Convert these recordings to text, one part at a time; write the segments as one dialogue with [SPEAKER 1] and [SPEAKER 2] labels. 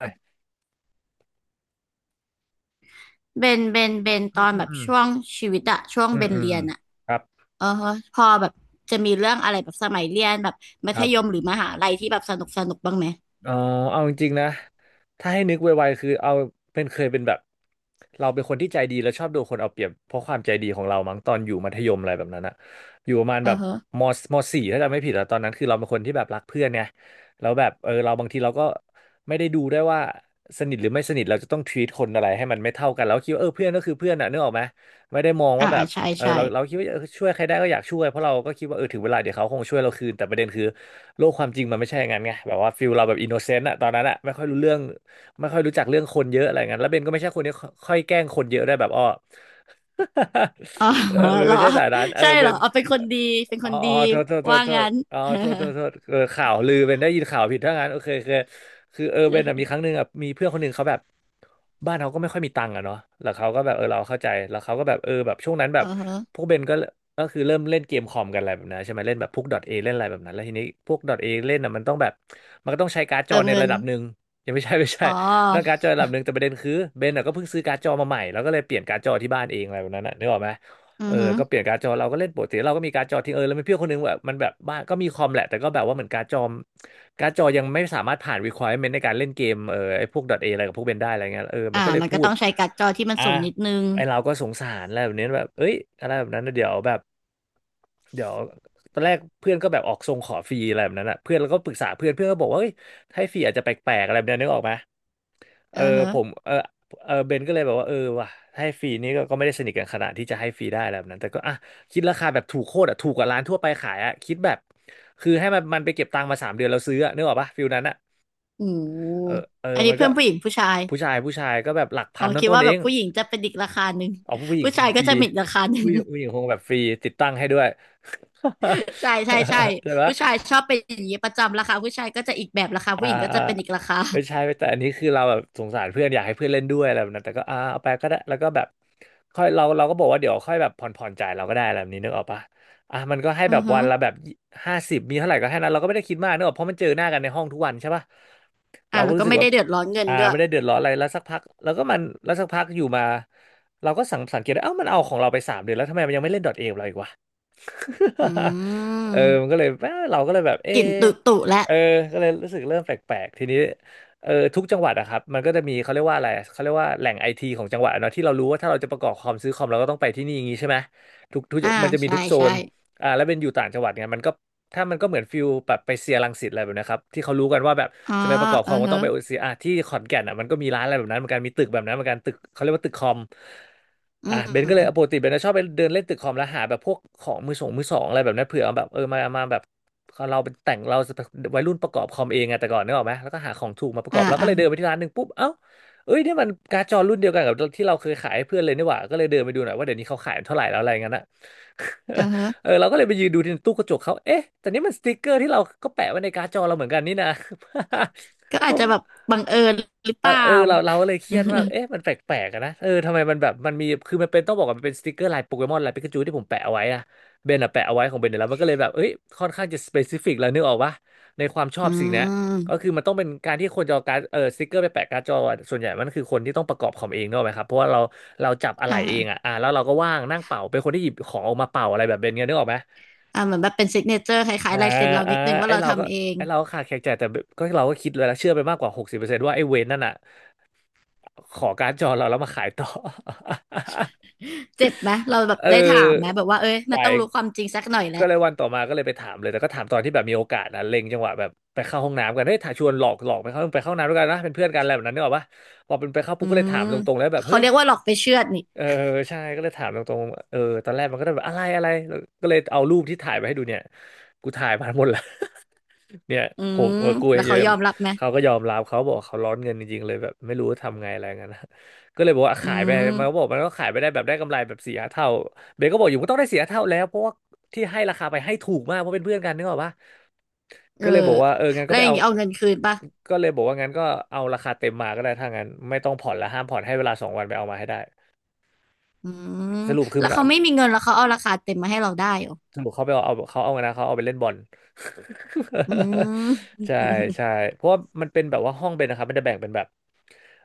[SPEAKER 1] อืม
[SPEAKER 2] เบนต
[SPEAKER 1] อื
[SPEAKER 2] อ
[SPEAKER 1] ม
[SPEAKER 2] น
[SPEAKER 1] อื
[SPEAKER 2] แบบ
[SPEAKER 1] ม
[SPEAKER 2] ช่วงชีวิตอะช่วง
[SPEAKER 1] อื
[SPEAKER 2] เบ
[SPEAKER 1] ม
[SPEAKER 2] น
[SPEAKER 1] อืม
[SPEAKER 2] เรียนอะ
[SPEAKER 1] ครับ
[SPEAKER 2] เออฮะพอแบบจะมีเรื่องอะไรแบบสมัยเรียนแบบมั
[SPEAKER 1] ค
[SPEAKER 2] ธ
[SPEAKER 1] รับ
[SPEAKER 2] ยมหรือมหาลัยที่แบบสนุกสนุกบ้างไหม
[SPEAKER 1] เอ๋อเอาจริงๆนะถ้าให้นึกไวๆคือเอาเป็นเคยเป็นแบบ เราเป็นคนที่ใจดีแล้วชอบโดนคนเอาเปรียบเพราะความใจดีของเรามั้งตอนอยู่มัธยมอะไรแบบนั้นอะอยู่ประมาณ
[SPEAKER 2] เอ
[SPEAKER 1] แบ
[SPEAKER 2] อ
[SPEAKER 1] บ
[SPEAKER 2] ฮะ
[SPEAKER 1] มมสี่ถ้าจำไม่ผิดอะตอนนั้น คือเราเป็นคนที่แบบรักเพื่อนไงแล้วแบบเออเราบางทีเราก็ไม่ได้ดูได้วยว่าสนิทหรือไม่สนิทเราจะต้อง treat คนอะไรให้มันไม่เท่ากันแล้วคิดว่าเออเพื่อนก็คือเพื่อนอะนึกออกไหมไม่ได้มอง
[SPEAKER 2] อ่า
[SPEAKER 1] ว่าแบ
[SPEAKER 2] อ่า
[SPEAKER 1] บ
[SPEAKER 2] ใช่
[SPEAKER 1] เออ
[SPEAKER 2] ใช่
[SPEAKER 1] เราคิดว่าเออช่วยใครได้ก็อยากช่วยเพราะเราก็คิดว่าเออถึงเวลาเดี๋ยวเขาคงช่วยเราคืนแต่ประเด็นคือโลกความจริงมันไม่ใช่อย่างนั้นไงแบบว่าฟิลเราแบบอินโนเซนต์อะตอนนั้นอะไม่ค่อยรู้เรื่องไม่ค่อยรู้จักเรื่องคนเยอะอะไรเงี้ยแล้วเบนก็ไม่ใช่คนที่ค่อยแกล้งคนเยอะได้วยแบบอ้อ
[SPEAKER 2] อ๋อ
[SPEAKER 1] เออเบ น
[SPEAKER 2] เหรอ
[SPEAKER 1] ไม่ใช่สายนั้นเออ
[SPEAKER 2] ใช่
[SPEAKER 1] เบ
[SPEAKER 2] เหรอ
[SPEAKER 1] น
[SPEAKER 2] เอาเป็นคนดีเป็น
[SPEAKER 1] อ๋
[SPEAKER 2] ค
[SPEAKER 1] อ
[SPEAKER 2] นดี
[SPEAKER 1] อ๋อโทษโทษโท
[SPEAKER 2] ว่า
[SPEAKER 1] ษโท
[SPEAKER 2] งั้
[SPEAKER 1] ษ
[SPEAKER 2] น
[SPEAKER 1] อ๋อโทษโทษโทษเออข่าวลือเบนได้ยินข่าวผิดถ้างั้นโอเคโอเคคือเออเบนอะมีครั้งหนึ่งอะมีเพื่อนคนหนึ่งเขาแบบ บ้านเขาก็ไม่ค่อยมีตังค์อะเนาะแล้วเขาก็แบบเออเราเข้าใจแล้วเขาก็แบบเออแบบช่วงนั้นแบ
[SPEAKER 2] เออ
[SPEAKER 1] บพ
[SPEAKER 2] ฮะ
[SPEAKER 1] วกเบนก็คือเริ่มเล่นเกมคอมกันอะไรแบบนั้นใช่ไหมเล่นแบบพวก .a เล่นอะไรแบบนั้นแล้วทีนี้พวก .a เล่นอ่ะมันต้องแบบมันก็ต้องใช้การ์ดจอ
[SPEAKER 2] เติม
[SPEAKER 1] ใน
[SPEAKER 2] เงิ
[SPEAKER 1] ระ
[SPEAKER 2] น
[SPEAKER 1] ดับหนึ่งยังไม่ใช่ไม่ใช่
[SPEAKER 2] อ๋อ
[SPEAKER 1] ต้องการ์ดจอระดับหนึ่งแต่ประเด็นคือเบนอ่ะก็เพิ่งซื้อการ์ดจอมาใหม่แล้วก็เลยเปลี่ยนการ์ดจอที่บ้านเองอะไรแบบนั้นนะนึกออกไหม
[SPEAKER 2] อื
[SPEAKER 1] เออ
[SPEAKER 2] อฮึ
[SPEAKER 1] ก็เปลี่ยนการ์ดจอเราก็เล่นปกติเราก็มีการ์ดจอทิ้งเออแล้วมีเพื่อนคนนึงแบบมันแบบบ้านก็มีคอมแหละแต่ก็แบบว่าเหมือนการ์ดจอยังไม่สามารถผ่าน requirement ในการเล่นเกมเออไอ้พวก .a อะไรกับพวกเบนได้อะไรเงี้ยเออมั
[SPEAKER 2] อ่า
[SPEAKER 1] นก็เลย
[SPEAKER 2] มัน
[SPEAKER 1] พู
[SPEAKER 2] ก็
[SPEAKER 1] ด
[SPEAKER 2] ต้องใช้การ์ดจอที่มัน
[SPEAKER 1] อ่ะ
[SPEAKER 2] สูงนิดนึง
[SPEAKER 1] ไอ้เราก็สงสารอะไรแบบนี้แบบเอ้ยอะไรแบบนั้นนะเดี๋ยวแบบเดี๋ยวตอนแรกเพื่อนก็แบบออกทรงขอฟรีอะไรแบบนั้นอ่ะเพื่อนแล้วก็ปรึกษาเพื่อนเพื่อนก็บอกว่าเฮ้ยให้ฟรีอาจจะแปลกๆอะไรแบบนี้นึกออกไหม เอ
[SPEAKER 2] เอ
[SPEAKER 1] อ
[SPEAKER 2] อฮะ
[SPEAKER 1] ผมเออเออเบนก็เลยแบบว่าเออว่ะให้ฟรีนี่ก็ไม่ได้สนิทกันขนาดที่จะให้ฟรีได้อะไรแบบนั้นแต่ก็อ่ะคิดราคาแบบถูกโคตรอ่ะถูกกว่าร้านทั่วไปขายอ่ะคิดแบบคือให้มันไปเก็บตังค์มาสามเดือนเราซื้ออ่ะนึกออกปะฟิลนั้นอ่ะ
[SPEAKER 2] โอ้โห
[SPEAKER 1] เออเออ
[SPEAKER 2] อันนี้
[SPEAKER 1] มันก็
[SPEAKER 2] เพื่อนผู้หญิงผู้ชาย
[SPEAKER 1] ผู้ชายผู้ชายก็แบบหลัก
[SPEAKER 2] อ๋
[SPEAKER 1] พั
[SPEAKER 2] อ
[SPEAKER 1] น
[SPEAKER 2] คิด
[SPEAKER 1] ต้นๆ
[SPEAKER 2] ว่า
[SPEAKER 1] เอ
[SPEAKER 2] แบบ
[SPEAKER 1] ง
[SPEAKER 2] ผู้หญิงจะเป็นอีกราคาหนึ่ง
[SPEAKER 1] เอาผู้หญิง
[SPEAKER 2] ผู้
[SPEAKER 1] ค
[SPEAKER 2] ชา
[SPEAKER 1] ง
[SPEAKER 2] ย
[SPEAKER 1] ฟ
[SPEAKER 2] ก็
[SPEAKER 1] รี
[SPEAKER 2] จะมีอีกราคาหนึ่
[SPEAKER 1] ผู้
[SPEAKER 2] ง
[SPEAKER 1] หญิงผู้หญิงคงแบบฟรีติดตั้งให้ด้วย
[SPEAKER 2] ใช่ ใช่ใช่
[SPEAKER 1] ใช่ปะ
[SPEAKER 2] ผู้ชายชอบเป็นอย่างนี้ประจำราคาผู้ชายก็จะอีกแบบราคา
[SPEAKER 1] อ่า
[SPEAKER 2] ผู้หญิงก็
[SPEAKER 1] อ่า
[SPEAKER 2] จะเป็นอีกราคา
[SPEAKER 1] ไม่ใช่แต่อันนี้คือเราแบบสงสารเพื่อนอยากให้เพื่อนเล่นด้วยอะไรแบบนั้นแต่ก็อ่าเอาไปก็ได้แล้วก็แบบค่อยเราเราก็บอกว่าเดี๋ยวค่อยแบบผ่อนผ่อนจ่ายเราก็ได้อะไรแบบนี้นึกออกปะอ่ะมันก็ให้
[SPEAKER 2] อื
[SPEAKER 1] แบ
[SPEAKER 2] อ
[SPEAKER 1] บ
[SPEAKER 2] ฮึ
[SPEAKER 1] วันละแบบ50มีเท่าไหร่ก็ให้นั้นเราก็ไม่ได้คิดมากนึกออกเพราะมันเจอหน้ากันในห้องทุกวันใช่ปะ
[SPEAKER 2] อ่า
[SPEAKER 1] เราก็
[SPEAKER 2] แล้ว
[SPEAKER 1] รู้
[SPEAKER 2] ก็
[SPEAKER 1] สึก
[SPEAKER 2] ไม่
[SPEAKER 1] ว่า
[SPEAKER 2] ได้เดือดร้อนเงิน
[SPEAKER 1] อ่า
[SPEAKER 2] ด้วย
[SPEAKER 1] ไม่ได้เดือดร้อนอะไรแล้วสักพักแล้วสักพักอยู่มาเราก็สังเกตได้เอ้ามันเอาของเราไปสามเดือนแล้วทำไมมันยังไม่เล่นดอทเอเราอีกวะ
[SPEAKER 2] อื
[SPEAKER 1] เออมันก็
[SPEAKER 2] ม
[SPEAKER 1] เลยเอ้อเราก็เลยแบบเออ
[SPEAKER 2] กลิ่นตุตุแล้ว
[SPEAKER 1] เออก็เลยรู้สึกเริ่มแปลกๆทีนี้เออทุกจังหวัดอะครับมันก็จะมีเขาเรียกว่าอะไรเขาเรียกว่าแหล่งไอทีของจังหวัดอะเนาะที่เรารู้ว่าถ้าเราจะประกอบคอมซื้อคอมเราก็ต้องไปที่นี่อย่างงี้ใช่ไหมทุกทุ
[SPEAKER 2] อ่า
[SPEAKER 1] กมันจะมี
[SPEAKER 2] ใช่
[SPEAKER 1] ทุกโซ
[SPEAKER 2] ใช่
[SPEAKER 1] นอ่าแล้วเป็นอยู่ต่างจังหวัดเนี่ยมันก็ถ้ามันก็เหมือนฟิลแบบไปเซียรังสิตอะไรแบบนะครับที่เขารู้กันว่าแบบ
[SPEAKER 2] อ๋อ
[SPEAKER 1] จะไปประกอบค
[SPEAKER 2] เออ
[SPEAKER 1] อมก็ต้
[SPEAKER 2] ฮะ
[SPEAKER 1] องไปโอเซียอ่ะที่ขอนแก่นอ่ะมันก็มีร้านอะไรแบบนั้นเหมือนกันมีตึกแบบนั้นเหมือนกันตึกเขาเรียกว่าตึกคอม
[SPEAKER 2] อื
[SPEAKER 1] อ่ะเบนก็เลยปก
[SPEAKER 2] ม
[SPEAKER 1] ติเบนจะชอบไปเดินเล่นตึกคอมแล้วหาแบบพวกของมือสองมือสองอะไรแบบนั้นเผื่อเอาแบบมาแบบเราเป็นแต่งเราวัยรุ่นประกอบคอมเองไงแต่ก่อนนึกออกไหมแล้วก็หาของถูกมาประก
[SPEAKER 2] อ่า
[SPEAKER 1] อบแล้วก็
[SPEAKER 2] อ่า
[SPEAKER 1] เลยเดินไปที่ร้านหนึ่งปุ๊บเอ้าเอ้ยนี่มันการ์ดจอรุ่นเดียวกันกับที่เราเคยขายให้เพื่อนเลยนี่หว่าก็เลยเดินไปดูหน่อยว่าเดี๋ยวนี้เขาขายเท่าไหร่แล้วอะไรเงี้ยนะ
[SPEAKER 2] เออ ฮะ
[SPEAKER 1] เราก็เลยไปยืนดูที่ตู้กระจกเขาเอ๊ะแต่นี่มันสติ๊กเกอร์ที่เราก็แปะไว้ในการ์ดจอเราเหมือนกันนี่นะ
[SPEAKER 2] ก็อาจจะแบบ บังเอิญหรือเป
[SPEAKER 1] เรา
[SPEAKER 2] ล่า
[SPEAKER 1] เอ อเราเราก็เลยเครียดว่าเอ๊ะมันแปลกๆอะนะทำไมมันแบบมันมีคือมันเป็นต้องบอกว่ามันเป็นสติกเกอร์ลายโปเกมอนลายปิกาจูที่ผมแปะเอาไว้อะเบนอะแปะเอาไว้ของเบนเนี่ยแล้วมันก็เลยแบบเอ้ยค่อนข้างจะสเปซิฟิกแล้วนึกออกปะในความชอ
[SPEAKER 2] อื
[SPEAKER 1] บสิ่งเนี้ยก็
[SPEAKER 2] ม
[SPEAKER 1] คือมันต้องเป็นการที่คนจะเอาการดสติกเกอร์ไปแปะการ์ดจออะส่วนใหญ่มันคือคนที่ต้องประกอบคอมเองเนกอะไหมครับเพราะว่าเราจับอะไหล่
[SPEAKER 2] อ่า
[SPEAKER 1] เองอะอ่าแล้วเราก็ว่างนั่งเป่าเป็นคนที่หยิบของออกมาเป่าอะไรแบบเบนเงี้ยนึกออกไหม
[SPEAKER 2] อ่าเหมือนแบบเป็นซิกเนเจอร์คล้าย
[SPEAKER 1] อ่า
[SPEAKER 2] ๆลายเซ็นเรา
[SPEAKER 1] อ่า
[SPEAKER 2] นิดนึงว่า
[SPEAKER 1] ไอ
[SPEAKER 2] เรา
[SPEAKER 1] เราก็
[SPEAKER 2] ทำเอง
[SPEAKER 1] ไอเราก็ ขาดแคลนใจแต่ก็เราก็คิดเลยแล้วเชื่อไปมากกว่าหกสิบเปอร์เซ็นต์ว่าไอเวนนั่นอ่ะ ขอการ์ดจอเราแล้วมาขายต่อ
[SPEAKER 2] เจ็บไหมเราแบบ
[SPEAKER 1] เอ
[SPEAKER 2] ได้ถามไหม
[SPEAKER 1] อ
[SPEAKER 2] แบบว่าเอ้ย
[SPEAKER 1] ไป
[SPEAKER 2] มันต้องรู้ความจริงสักหน่อยแห
[SPEAKER 1] ก็
[SPEAKER 2] ละ
[SPEAKER 1] เลยวันต่อมาก็เลยไปถามเลยแต่ก็ถามตอนที่แบบมีโอกาสนะเล็งจังหวะแบบไปเข้าห้องน้ำกันเฮ้ยถ้าชวนหลอกไปเข้าห้องน้ำด้วยกันนะเป็นเพื่อนกันอะไรแบบนั้นเนี่ยหรอปะพอเป็นไปเข้า
[SPEAKER 2] อื
[SPEAKER 1] ปุ๊บก็เลยถา
[SPEAKER 2] ม
[SPEAKER 1] มตรงๆแล้วแบบ
[SPEAKER 2] เขา
[SPEAKER 1] เฮ้ย
[SPEAKER 2] เรียกว่าหลอกไปเชื่อดนี่
[SPEAKER 1] เออใช่ก็เลยถามตรงๆตอนแรกมันก็ได้แบบอะไรอะไรแล้วก็เลยเอารูปที่ถ่ายไปให้ดูเนี่ยกูถ่ายมาหมดแล้ว เนี่ย
[SPEAKER 2] อื
[SPEAKER 1] ผม
[SPEAKER 2] ม
[SPEAKER 1] กับกูเอ
[SPEAKER 2] แล้
[SPEAKER 1] ง
[SPEAKER 2] ว
[SPEAKER 1] อยู่
[SPEAKER 2] เขา
[SPEAKER 1] เนี่
[SPEAKER 2] ย
[SPEAKER 1] ย
[SPEAKER 2] อมรับไหม
[SPEAKER 1] เขาก็ยอมรับเขาบอกเขาร้อนเงินจริงๆเลยแบบไม่รู้ทำไงอะไรเงี้ยนะ ก็เลยบอกว่า
[SPEAKER 2] อื
[SPEAKER 1] ขายไปมันก็บอก
[SPEAKER 2] ม
[SPEAKER 1] มันก็ขายไปได้แบบได้กำไรแบบสี่ห้าเท่าเบนก็บอกอยู่มันต้องได้สี่ห้าเท่าแล้วเพราะว่าที่ให้ราคาไปให้ถูกมากเพราะเป็นเพื่อนกันนึกออกปะ
[SPEAKER 2] เออ
[SPEAKER 1] ก็เลยบอกว่าเอองั้นก็
[SPEAKER 2] แล้ว
[SPEAKER 1] ไป
[SPEAKER 2] อย่าง
[SPEAKER 1] เอา
[SPEAKER 2] นี้เอาเงินคืนป่ะ
[SPEAKER 1] ก็เลยบอกว่างั้นก็เอาราคาเต็มมาก็ได้ถ้างั้นไม่ต้องผ่อนละห้ามผ่อนให้เวลาสองวันไปเอามาให้ได้
[SPEAKER 2] อืม
[SPEAKER 1] สรุปคือ
[SPEAKER 2] แล้
[SPEAKER 1] มั
[SPEAKER 2] ว
[SPEAKER 1] น
[SPEAKER 2] เขาไม่มีเงินแล้วเขาเอาราคาเต็มมาให้เราได้เหรอ
[SPEAKER 1] สรุปเขาไปเอาไงนะเขาเอาไปเล่นบอล
[SPEAKER 2] อื ม
[SPEAKER 1] ใช่ใช่เพราะว่ามันเป็นแบบว่าห้องเป็นนะครับมันจะแบ่งเป็นแบบ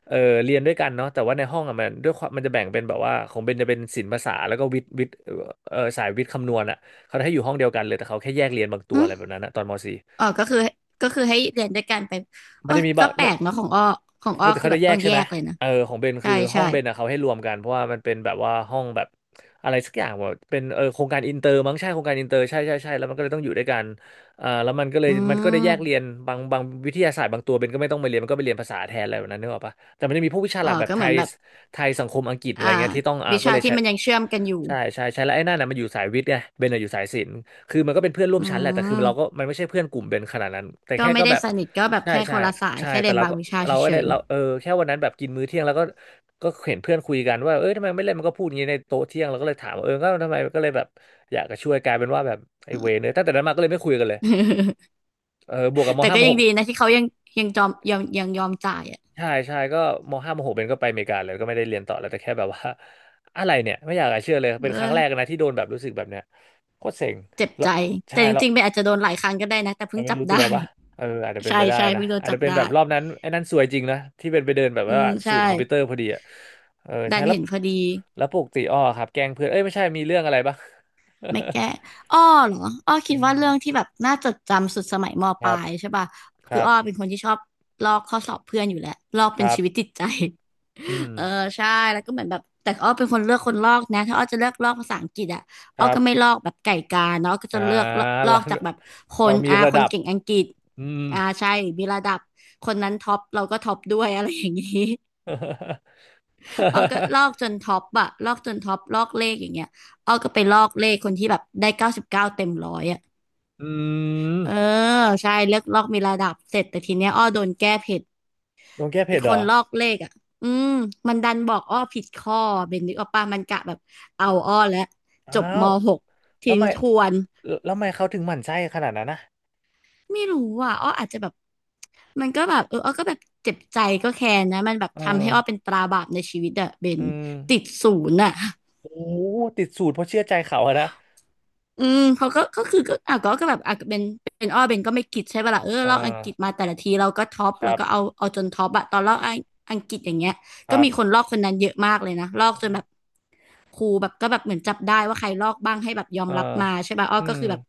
[SPEAKER 1] เออเรียนด้วยกันเนาะแต่ว่าในห้องอ่ะมันด้วยความมันจะแบ่งเป็นแบบว่าของเบนจะเป็นศิลป์ภาษาแล้วก็วิทย์เออสายวิทย์คำนวณอ่ะเขาจะให้อยู่ห้องเดียวกันเลยแต่เขาแค่แยกเรียนบางตั
[SPEAKER 2] อื
[SPEAKER 1] วอะ
[SPEAKER 2] ม
[SPEAKER 1] ไรแบบนั้นนะตอนม .4
[SPEAKER 2] อ๋อก็คือก็คือให้เรียนด้วยกันไปเอ
[SPEAKER 1] ไม่
[SPEAKER 2] อ
[SPEAKER 1] ได้มี
[SPEAKER 2] ก็
[SPEAKER 1] บาง
[SPEAKER 2] แปลกเนาะของอ้อของ
[SPEAKER 1] ป
[SPEAKER 2] อ้อ
[SPEAKER 1] กติ
[SPEAKER 2] คือ
[SPEAKER 1] เขา
[SPEAKER 2] แบ
[SPEAKER 1] จะ
[SPEAKER 2] บ
[SPEAKER 1] แย
[SPEAKER 2] ต้อ
[SPEAKER 1] ก
[SPEAKER 2] ง
[SPEAKER 1] ใช่
[SPEAKER 2] แย
[SPEAKER 1] ไหม
[SPEAKER 2] กเลยนะ
[SPEAKER 1] ของเบน
[SPEAKER 2] ใช่
[SPEAKER 1] คือห้อ
[SPEAKER 2] ใช่
[SPEAKER 1] งเบนอะเขาให้รวมกันเพราะว่ามันเป็นแบบว่าห้องแบบอะไรสักอย่างว่าเป็นโครงการอินเตอร์มั้งใช่โครงการอินเตอร์ใช่ใช่ใช่แล้วมันก็เลยต้องอยู่ด้วยกันเอ่าแล้วมันก็เล
[SPEAKER 2] อื
[SPEAKER 1] ยมันก็ได้แยกเรียน
[SPEAKER 2] ม
[SPEAKER 1] บางวิทยาศาสตร์บางตัวเบนก็ไม่ต้องไปเรียนมันก็ไปเรียนภาษาแทนอะไรแบบนั้นนึกออกปะแต่มันจะมีพวกวิชา
[SPEAKER 2] อ๋
[SPEAKER 1] ห
[SPEAKER 2] อ
[SPEAKER 1] ลักแบบ
[SPEAKER 2] ก็
[SPEAKER 1] ไท
[SPEAKER 2] เหมือน
[SPEAKER 1] ย
[SPEAKER 2] แบบ
[SPEAKER 1] ไทยสังคมอังกฤษอะไร
[SPEAKER 2] อ่า
[SPEAKER 1] เงี้ยที่ต้องอ่า
[SPEAKER 2] วิ
[SPEAKER 1] ก็
[SPEAKER 2] ชา
[SPEAKER 1] เลย
[SPEAKER 2] ที่
[SPEAKER 1] ใช้
[SPEAKER 2] มันยังเชื่อมกันอยู่
[SPEAKER 1] ใช่ใช่ใช่แล้วไอ้นั่นน่ะมันอยู่สายวิทย์ไงเบนน่ะอยู่สายศิลป์คือมันก็เป็นเพื่อนร่วม
[SPEAKER 2] อื
[SPEAKER 1] ชั้นแหละแต่คือเราก็
[SPEAKER 2] ม
[SPEAKER 1] มันไม่ใช่เพื่อนกลุ่มเบนขนาดนั้นแต่
[SPEAKER 2] ก็
[SPEAKER 1] แค่
[SPEAKER 2] ไม่
[SPEAKER 1] ก็
[SPEAKER 2] ได้
[SPEAKER 1] แบบ
[SPEAKER 2] สนิทก็แบบ
[SPEAKER 1] ใช่
[SPEAKER 2] แค่ค
[SPEAKER 1] ใช่
[SPEAKER 2] นละสาย
[SPEAKER 1] ใช่
[SPEAKER 2] แค่
[SPEAKER 1] แต่
[SPEAKER 2] เรียน
[SPEAKER 1] เรา
[SPEAKER 2] บาง
[SPEAKER 1] ก็
[SPEAKER 2] วิชา
[SPEAKER 1] เราก็
[SPEAKER 2] เฉ
[SPEAKER 1] ได้
[SPEAKER 2] ย
[SPEAKER 1] เราแค่วันนั้นแบบกินมื้อเที่ยงแล้วก็ก็เห็นเพื่อนคุยกันว่าเอ้ยทำไมไม่เล่นมันก็พูดอย่างนี้ในโต๊ะเที่ยงเราก็เลยถามว่าเออก็ทำไมก็เลยแบบอยากจะช่วยกลายเป็นว่าแบบไอ้เวรเนี่ยตั้งแต่นั้นมาก็เลยไม่คุยกันเลย
[SPEAKER 2] ๆ
[SPEAKER 1] เออบวกกับม
[SPEAKER 2] แต่
[SPEAKER 1] ห้า
[SPEAKER 2] ก็
[SPEAKER 1] มห
[SPEAKER 2] ยัง
[SPEAKER 1] ก
[SPEAKER 2] ดีนะที่เขายังยังยอมจ่ายอ่ะ
[SPEAKER 1] ใช่ใช่ก็มห้ามหกเป็นก็ไปอเมริกาเลยก็ไม่ได้เรียนต่อแล้วแต่แค่แบบว่าอะไรเนี่ยไม่อยากจะเชื่อเลยเป็นครั้งแรก
[SPEAKER 2] เออ
[SPEAKER 1] นะที่โดนแบบรู้สึกแบบเนี้ยโคตรเซ็ง
[SPEAKER 2] เจ็บ
[SPEAKER 1] แล้ว
[SPEAKER 2] ใจ
[SPEAKER 1] ใช่
[SPEAKER 2] แต่จ
[SPEAKER 1] แล้ว
[SPEAKER 2] ริงๆไปอาจจะโดนหลายครั้งก็ได้นะแต่
[SPEAKER 1] มั
[SPEAKER 2] เพิ่
[SPEAKER 1] น
[SPEAKER 2] ง
[SPEAKER 1] ไม่
[SPEAKER 2] จับ
[SPEAKER 1] รู้ตัว
[SPEAKER 2] ได้
[SPEAKER 1] ปะอาจจะเป็น
[SPEAKER 2] ใช่
[SPEAKER 1] ไปได้
[SPEAKER 2] ใช่
[SPEAKER 1] นะ
[SPEAKER 2] เพิ่งโดน
[SPEAKER 1] อาจ
[SPEAKER 2] จั
[SPEAKER 1] จะ
[SPEAKER 2] บ
[SPEAKER 1] เป็นแบ
[SPEAKER 2] ได้
[SPEAKER 1] บรอบนั้นไอ้นั่นซวยจริงนะที่เป็นไปเดินแบบ
[SPEAKER 2] อื
[SPEAKER 1] ว่า
[SPEAKER 2] ม
[SPEAKER 1] สู
[SPEAKER 2] ใช่
[SPEAKER 1] ตรคอมพิวเตอร์พอดีอ่ะเออ
[SPEAKER 2] ดั
[SPEAKER 1] ใช่
[SPEAKER 2] น
[SPEAKER 1] แล้ว
[SPEAKER 2] เห็นพอดี
[SPEAKER 1] แล้วปกติอ้อครับแกล้งเพื่อนเอ้ยไม่ใช่มีเรื่องอะไรบ้าง
[SPEAKER 2] ไม่แก้อ้อเหรออ้อ คิด
[SPEAKER 1] อื
[SPEAKER 2] ว่า
[SPEAKER 1] ม
[SPEAKER 2] เรื่องที่แบบน่าจดจำสุดสมัยม
[SPEAKER 1] ค
[SPEAKER 2] ปลา
[SPEAKER 1] รับ
[SPEAKER 2] ยใช่ป่ะ
[SPEAKER 1] ค
[SPEAKER 2] คือ
[SPEAKER 1] รับ
[SPEAKER 2] อ้อเป็นคนที่ชอบลอกข้อสอบเพื่อนอยู่แล้วลอก
[SPEAKER 1] ค
[SPEAKER 2] เป็น
[SPEAKER 1] รับ
[SPEAKER 2] ชีวิตจิตใจ
[SPEAKER 1] อืม
[SPEAKER 2] เออใช่แล้วก็เหมือนแบบแต่อ้อเป็นคนเลือกคนลอกนะถ้าอ้อจะเลือกลอกภาษาอังกฤษอ่ะ
[SPEAKER 1] ค
[SPEAKER 2] อ้อ
[SPEAKER 1] รั
[SPEAKER 2] ก็ไม่
[SPEAKER 1] บ
[SPEAKER 2] ลอกแบบไก่กาเนาะอ้อก็
[SPEAKER 1] อ่า
[SPEAKER 2] จะเลือกลลอ
[SPEAKER 1] เรา
[SPEAKER 2] กจากแบบคน
[SPEAKER 1] มี
[SPEAKER 2] อ่า
[SPEAKER 1] ระ
[SPEAKER 2] ค
[SPEAKER 1] ดั
[SPEAKER 2] น
[SPEAKER 1] บ
[SPEAKER 2] เก่งอังกฤษ
[SPEAKER 1] อืม
[SPEAKER 2] อ่าใช่มีระดับคนนั้นท็อปเราก็ท็อปด้วยอะไรอย่างนี้ อ้อก็ล อกจนท็อปอะลอกจนท็อปลอกเลขอย่างเงี้ยอ้อก็ไปลอกเลขคนที่แบบได้99 เต็ม 100อะ
[SPEAKER 1] อืม
[SPEAKER 2] เออใช่เลือกลอกมีระดับเสร็จแต่ทีเนี้ยอ้อโดนแก้ผิด
[SPEAKER 1] โดนแก้
[SPEAKER 2] อี
[SPEAKER 1] เผ็
[SPEAKER 2] ก
[SPEAKER 1] ดเหร
[SPEAKER 2] คน
[SPEAKER 1] อ
[SPEAKER 2] ลอกเลขอะอืมมันดันบอกอ้อผิดข้อเบนนึกออกปะมันกะแบบเอาอ้อแล้ว
[SPEAKER 1] อ้า
[SPEAKER 2] จบม
[SPEAKER 1] ว
[SPEAKER 2] หก
[SPEAKER 1] แล้ว
[SPEAKER 2] ทิ้
[SPEAKER 1] ทำ
[SPEAKER 2] ง
[SPEAKER 1] ไม
[SPEAKER 2] ทวน
[SPEAKER 1] แล้วทำไมเขาถึงหมั่นไส้ขนาดนั้นนะ
[SPEAKER 2] ไม่รู้อ่ะอ้ออาจจะแบบมันก็แบบเอออ้อก็แบบเจ็บใจก็แค้นนะมันแบบ
[SPEAKER 1] เออ
[SPEAKER 2] ทำให้อ้อเป็นตราบาปในชีวิตอะเบ
[SPEAKER 1] อื
[SPEAKER 2] น
[SPEAKER 1] ม
[SPEAKER 2] ติดศูนย์อะ
[SPEAKER 1] โอ้ติดสูตรเพราะเชื่อใจเขาอะนะ
[SPEAKER 2] อืมเขาก็ก็คือก็อ่ะก็ก็แบบอ่ะเป็นอ้อเป็นก็ไม่คิดใช่ป่ะล่ะเออ
[SPEAKER 1] อ่า
[SPEAKER 2] เราอังกฤษมาแต่ละทีเราก็ท็อป
[SPEAKER 1] ค
[SPEAKER 2] แล้ว
[SPEAKER 1] รับ
[SPEAKER 2] ก็เอาจนท็อปอะตอนเราอังกฤษอย่างเงี้ย
[SPEAKER 1] ค
[SPEAKER 2] ก็
[SPEAKER 1] รับ
[SPEAKER 2] มีคนลอกคนนั้นเยอะมากเลยนะลอกจนแบบครูแบบก็แบบเหมือนจับได้ว่าใครลอกบ้างให้แบบยอม
[SPEAKER 1] อ่า
[SPEAKER 2] รับมาใช่ป่ะอ้อ
[SPEAKER 1] อื
[SPEAKER 2] ก็
[SPEAKER 1] ม
[SPEAKER 2] คือแบบ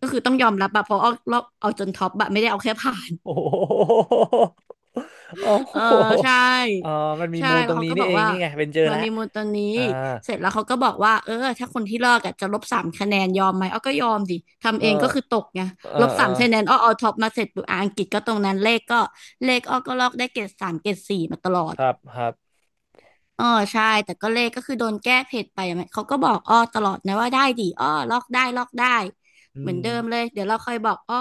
[SPEAKER 2] ก็คือต้องยอมรับอะเพราะอ้อลอกเอาจนท็อปอะไม่ได้เอาแค่ผ่าน
[SPEAKER 1] โอ้โหโอ้
[SPEAKER 2] เออ
[SPEAKER 1] โห
[SPEAKER 2] ใช่
[SPEAKER 1] เออมันมี
[SPEAKER 2] ใช่
[SPEAKER 1] มูลต
[SPEAKER 2] แล้
[SPEAKER 1] ร
[SPEAKER 2] ว
[SPEAKER 1] ง
[SPEAKER 2] เขา
[SPEAKER 1] นี้
[SPEAKER 2] ก็
[SPEAKER 1] นี่
[SPEAKER 2] บอก
[SPEAKER 1] เอง
[SPEAKER 2] ว่า
[SPEAKER 1] นี่ไงเป็นเจอ
[SPEAKER 2] มัน
[SPEAKER 1] แล้ว
[SPEAKER 2] มีมูลตัวนี้
[SPEAKER 1] อ่า
[SPEAKER 2] เสร็จแล้วเขาก็บอกว่าเออถ้าคนที่ลอกอะจะลบสามคะแนนยอมไหมอ้อก็ยอมดิทำ
[SPEAKER 1] เอ
[SPEAKER 2] เอ
[SPEAKER 1] อ
[SPEAKER 2] งก็คือตกไง
[SPEAKER 1] เออ
[SPEAKER 2] ลบ
[SPEAKER 1] เอ
[SPEAKER 2] สา
[SPEAKER 1] อ
[SPEAKER 2] มคะแนนอ้อเอาท็อปมาเสร็จปุ๊บอ่ะอังกฤษก็ตรงนั้นเลขก็เลขอ้อก็ลอกได้เกรด 3 เกรด 4มาตลอ
[SPEAKER 1] ค
[SPEAKER 2] ด
[SPEAKER 1] รับครับ
[SPEAKER 2] เออใช่แต่ก็เลขก็คือโดนแก้เพจไปอะมันเขาก็บอกอ้อตลอดนะว่าได้ดีอ้อลอกได้ลอกได้
[SPEAKER 1] อื
[SPEAKER 2] เหมือน
[SPEAKER 1] ม
[SPEAKER 2] เดิมเลยเดี๋ยวเราค่อยบอกอ้อ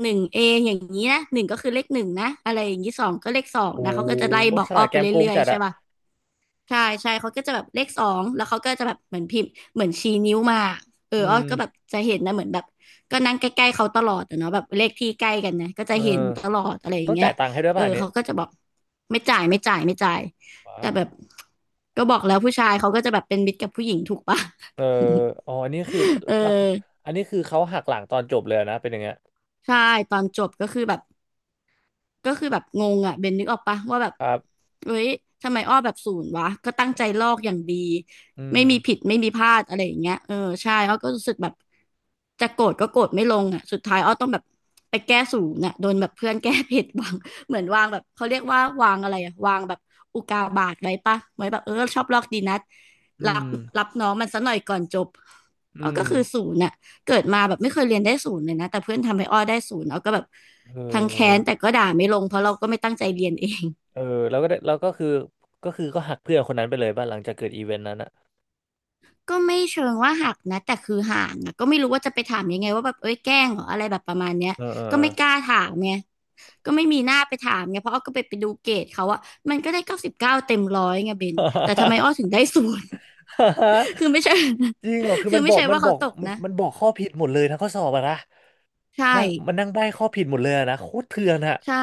[SPEAKER 2] หนึ่งเออย่างนี้นะหนึ่งก็คือเลขหนึ่งนะอะไรอย่างนี้สองก็เลขสอง
[SPEAKER 1] โอ้โ
[SPEAKER 2] นะเขาก็จะไล่
[SPEAKER 1] ห
[SPEAKER 2] บอ
[SPEAKER 1] ฉ
[SPEAKER 2] กอ้
[SPEAKER 1] ลา
[SPEAKER 2] อ
[SPEAKER 1] ดแก
[SPEAKER 2] ไป
[SPEAKER 1] มโกง
[SPEAKER 2] เรื่อย
[SPEAKER 1] จัด
[SPEAKER 2] ๆใช่
[SPEAKER 1] อะ
[SPEAKER 2] ป่ะ ใช่ใช่เขาก็จะแบบเลขสองแล้วเขาก็จะแบบเหมือนพิมพ์เหมือนชี้นิ้วมาเออ
[SPEAKER 1] อื
[SPEAKER 2] อ้อ
[SPEAKER 1] ม
[SPEAKER 2] ก็แบบจะเห็นนะเหมือนแบบก็นั่งใกล้ๆเขาตลอดอะเนาะแบบเลขที่ใกล้กันนะก็จะ
[SPEAKER 1] เอ
[SPEAKER 2] เห็นต
[SPEAKER 1] อ
[SPEAKER 2] ลอดอะไรอ
[SPEAKER 1] ต้
[SPEAKER 2] ย่า
[SPEAKER 1] อ
[SPEAKER 2] ง
[SPEAKER 1] ง
[SPEAKER 2] เงี้
[SPEAKER 1] จ่า
[SPEAKER 2] ย
[SPEAKER 1] ยตังค์ให้ด้วย
[SPEAKER 2] เออ
[SPEAKER 1] ป่ะอันเนี่ย
[SPEAKER 2] เขาก็จะบอกไม่จ่ายไม่จ่ายไม่จ่าย
[SPEAKER 1] ว้า
[SPEAKER 2] แต่
[SPEAKER 1] ว
[SPEAKER 2] แบบก็บอกแล้วผู้ชายเขาก็จะแบบเป็นมิตรกับผู้หญิงถูกปะ
[SPEAKER 1] เอออ๋ออันนี้คือ
[SPEAKER 2] เอ
[SPEAKER 1] แล้ว
[SPEAKER 2] อ
[SPEAKER 1] อันนี้คือเขาหักหลังตอนจบเลยนะเป็นอย่างเงี้ย
[SPEAKER 2] ใช่ตอนจบก็คือแบบ ก็คือแบบงงอ่ะเบนนึกออกปะว่าแบบ
[SPEAKER 1] ครับ
[SPEAKER 2] เฮ้ยทำไมอ้อแบบศูนย์วะก็ตั้งใจลอกอย่างดี
[SPEAKER 1] อืม
[SPEAKER 2] ไม่มีผิดไม่มีพลาดอะไรอย่างเงี้ยเออใช่อ้อก็รู้สึกแบบจะโกรธก็โกรธไม่ลงอ่ะสุดท้ายอ้อต้องแบบไปแก้ศูนย์อ่ะโดนแบบเพื่อนแก้ผิดวาง เหมือนวางแบบเขาเรียกว่าวางอะไรอะวางแบบอุกาบาตไว้ปะไว้แบบเออชอบลอกดีนัด
[SPEAKER 1] อื
[SPEAKER 2] รับ
[SPEAKER 1] ม
[SPEAKER 2] รับน้องมันซะหน่อยก่อนจบอ้
[SPEAKER 1] อื
[SPEAKER 2] อก็
[SPEAKER 1] ม
[SPEAKER 2] คือศูนย์อ่ะ เกิดมาแบบไม่เคยเรียนได้ศูนย์เลยนะแต่เพื่อนทำให้อ้อได้ศูนย์เราก็แบบ
[SPEAKER 1] เออ
[SPEAKER 2] ทั้งแค้นแต่ก็ด่าไม่ลงเพราะเราก็ไม่ตั้งใจเรียนเอง
[SPEAKER 1] เออแล้วก็คือก็หักเพื่อนคนนั้นไปเลยป่ะหลังจากเกิดอีเวนต์นั้นอะ
[SPEAKER 2] ก็ไม่เชิงว่าหักนะแต่คือห่างอะก็ไม่รู้ว่าจะไปถามยังไงว่าแบบเอ้ยแกล้งเหรออะไรแบบประมาณเนี้ย
[SPEAKER 1] เออเออ
[SPEAKER 2] ก็ไม่กล้า
[SPEAKER 1] เอ
[SPEAKER 2] ถามไงก็ไม่มีหน้าไปถามไงเพราะอ้อก็ไปดูเกรดเขาอะมันก็ได้99เต็มร้อยไงเบนแต่ทำไม
[SPEAKER 1] อ
[SPEAKER 2] อ้อถึงได้ศูนย์ คือไม่ใช่
[SPEAKER 1] จริงเหรอ คือ
[SPEAKER 2] คือไม่ใช่ว่าเขาตกนะ
[SPEAKER 1] มันบอกข้อผิดหมดเลยทั้งข้อสอบอะนะ
[SPEAKER 2] ใช่
[SPEAKER 1] นั่งใบ้ข้อผิดหมดเลยอะนะโคตรเถื่อนอะ
[SPEAKER 2] ใช่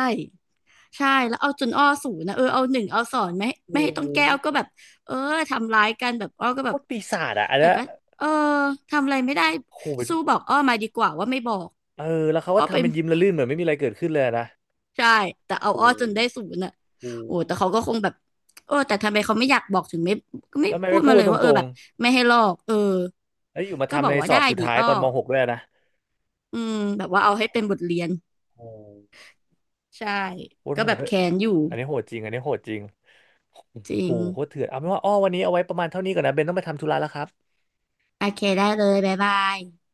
[SPEAKER 2] ใช่แล้วเอาจนอ้อศูนย์นะเออเอาหนึ่งเอาสอนไม่
[SPEAKER 1] โอ้
[SPEAKER 2] ให้ต้
[SPEAKER 1] โห
[SPEAKER 2] องแก้วก็แบบเออทำร้ายกันแบบอ้อก็แบ
[SPEAKER 1] โค
[SPEAKER 2] บ
[SPEAKER 1] ตรปีศาจอะอัน
[SPEAKER 2] แต่
[SPEAKER 1] เนี้ย
[SPEAKER 2] ก็เออทำอะไรไม่ได้
[SPEAKER 1] โอ้โหเป็น
[SPEAKER 2] สู้บอกอ้อมาดีกว่าว่าไม่บอก
[SPEAKER 1] เออแล้วเขาก็
[SPEAKER 2] อ้อเป็
[SPEAKER 1] ทำ
[SPEAKER 2] น
[SPEAKER 1] เป็นยิ้มละลื่นเหมือนไม่มีอะไรเกิดขึ้นเลยอะนะ
[SPEAKER 2] ใช่แต่
[SPEAKER 1] โอ้
[SPEAKER 2] เอา
[SPEAKER 1] โห
[SPEAKER 2] อ้อจนได้ศูนย์อ่ะ
[SPEAKER 1] โอ้
[SPEAKER 2] โอ้แต่
[SPEAKER 1] โห
[SPEAKER 2] เขาก็คงแบบเออแต่ทำไมเขาไม่อยากบอกถึงไม่ก็ไม่
[SPEAKER 1] แล้วทำไม
[SPEAKER 2] พู
[SPEAKER 1] ไม่
[SPEAKER 2] ด
[SPEAKER 1] พู
[SPEAKER 2] มา
[SPEAKER 1] ด
[SPEAKER 2] เลย
[SPEAKER 1] ต
[SPEAKER 2] ว่าเออ
[SPEAKER 1] รง
[SPEAKER 2] แบบไม่ให้ลอกเออ
[SPEAKER 1] ๆแล้วอยู่มา
[SPEAKER 2] ก็บ
[SPEAKER 1] ทำ
[SPEAKER 2] อ
[SPEAKER 1] ใน
[SPEAKER 2] กว่า
[SPEAKER 1] สอ
[SPEAKER 2] ได้
[SPEAKER 1] บสุด
[SPEAKER 2] ดิ
[SPEAKER 1] ท้าย
[SPEAKER 2] อ้อ
[SPEAKER 1] ตอนม .6 ด้วยอะนะ
[SPEAKER 2] อืมแบบว่าเอาให้เป็นบทเรียน
[SPEAKER 1] โอ้
[SPEAKER 2] ใช่
[SPEAKER 1] โคตร
[SPEAKER 2] ก็
[SPEAKER 1] โห
[SPEAKER 2] แบ
[SPEAKER 1] ด
[SPEAKER 2] บ
[SPEAKER 1] เลย
[SPEAKER 2] แค้นอยู่
[SPEAKER 1] อันนี้โหดจริง อันนี้โหดจริง
[SPEAKER 2] จริ
[SPEAKER 1] โอ้
[SPEAKER 2] ง
[SPEAKER 1] โหโคตรเถื่อนเอาเป็นว่าอ้อวันนี้เอาไว้ประมาณเท่านี้ก่อนนะเบนต้องไปทำธุระแล้วครับ
[SPEAKER 2] โอเคได้เลยบ๊ายบาย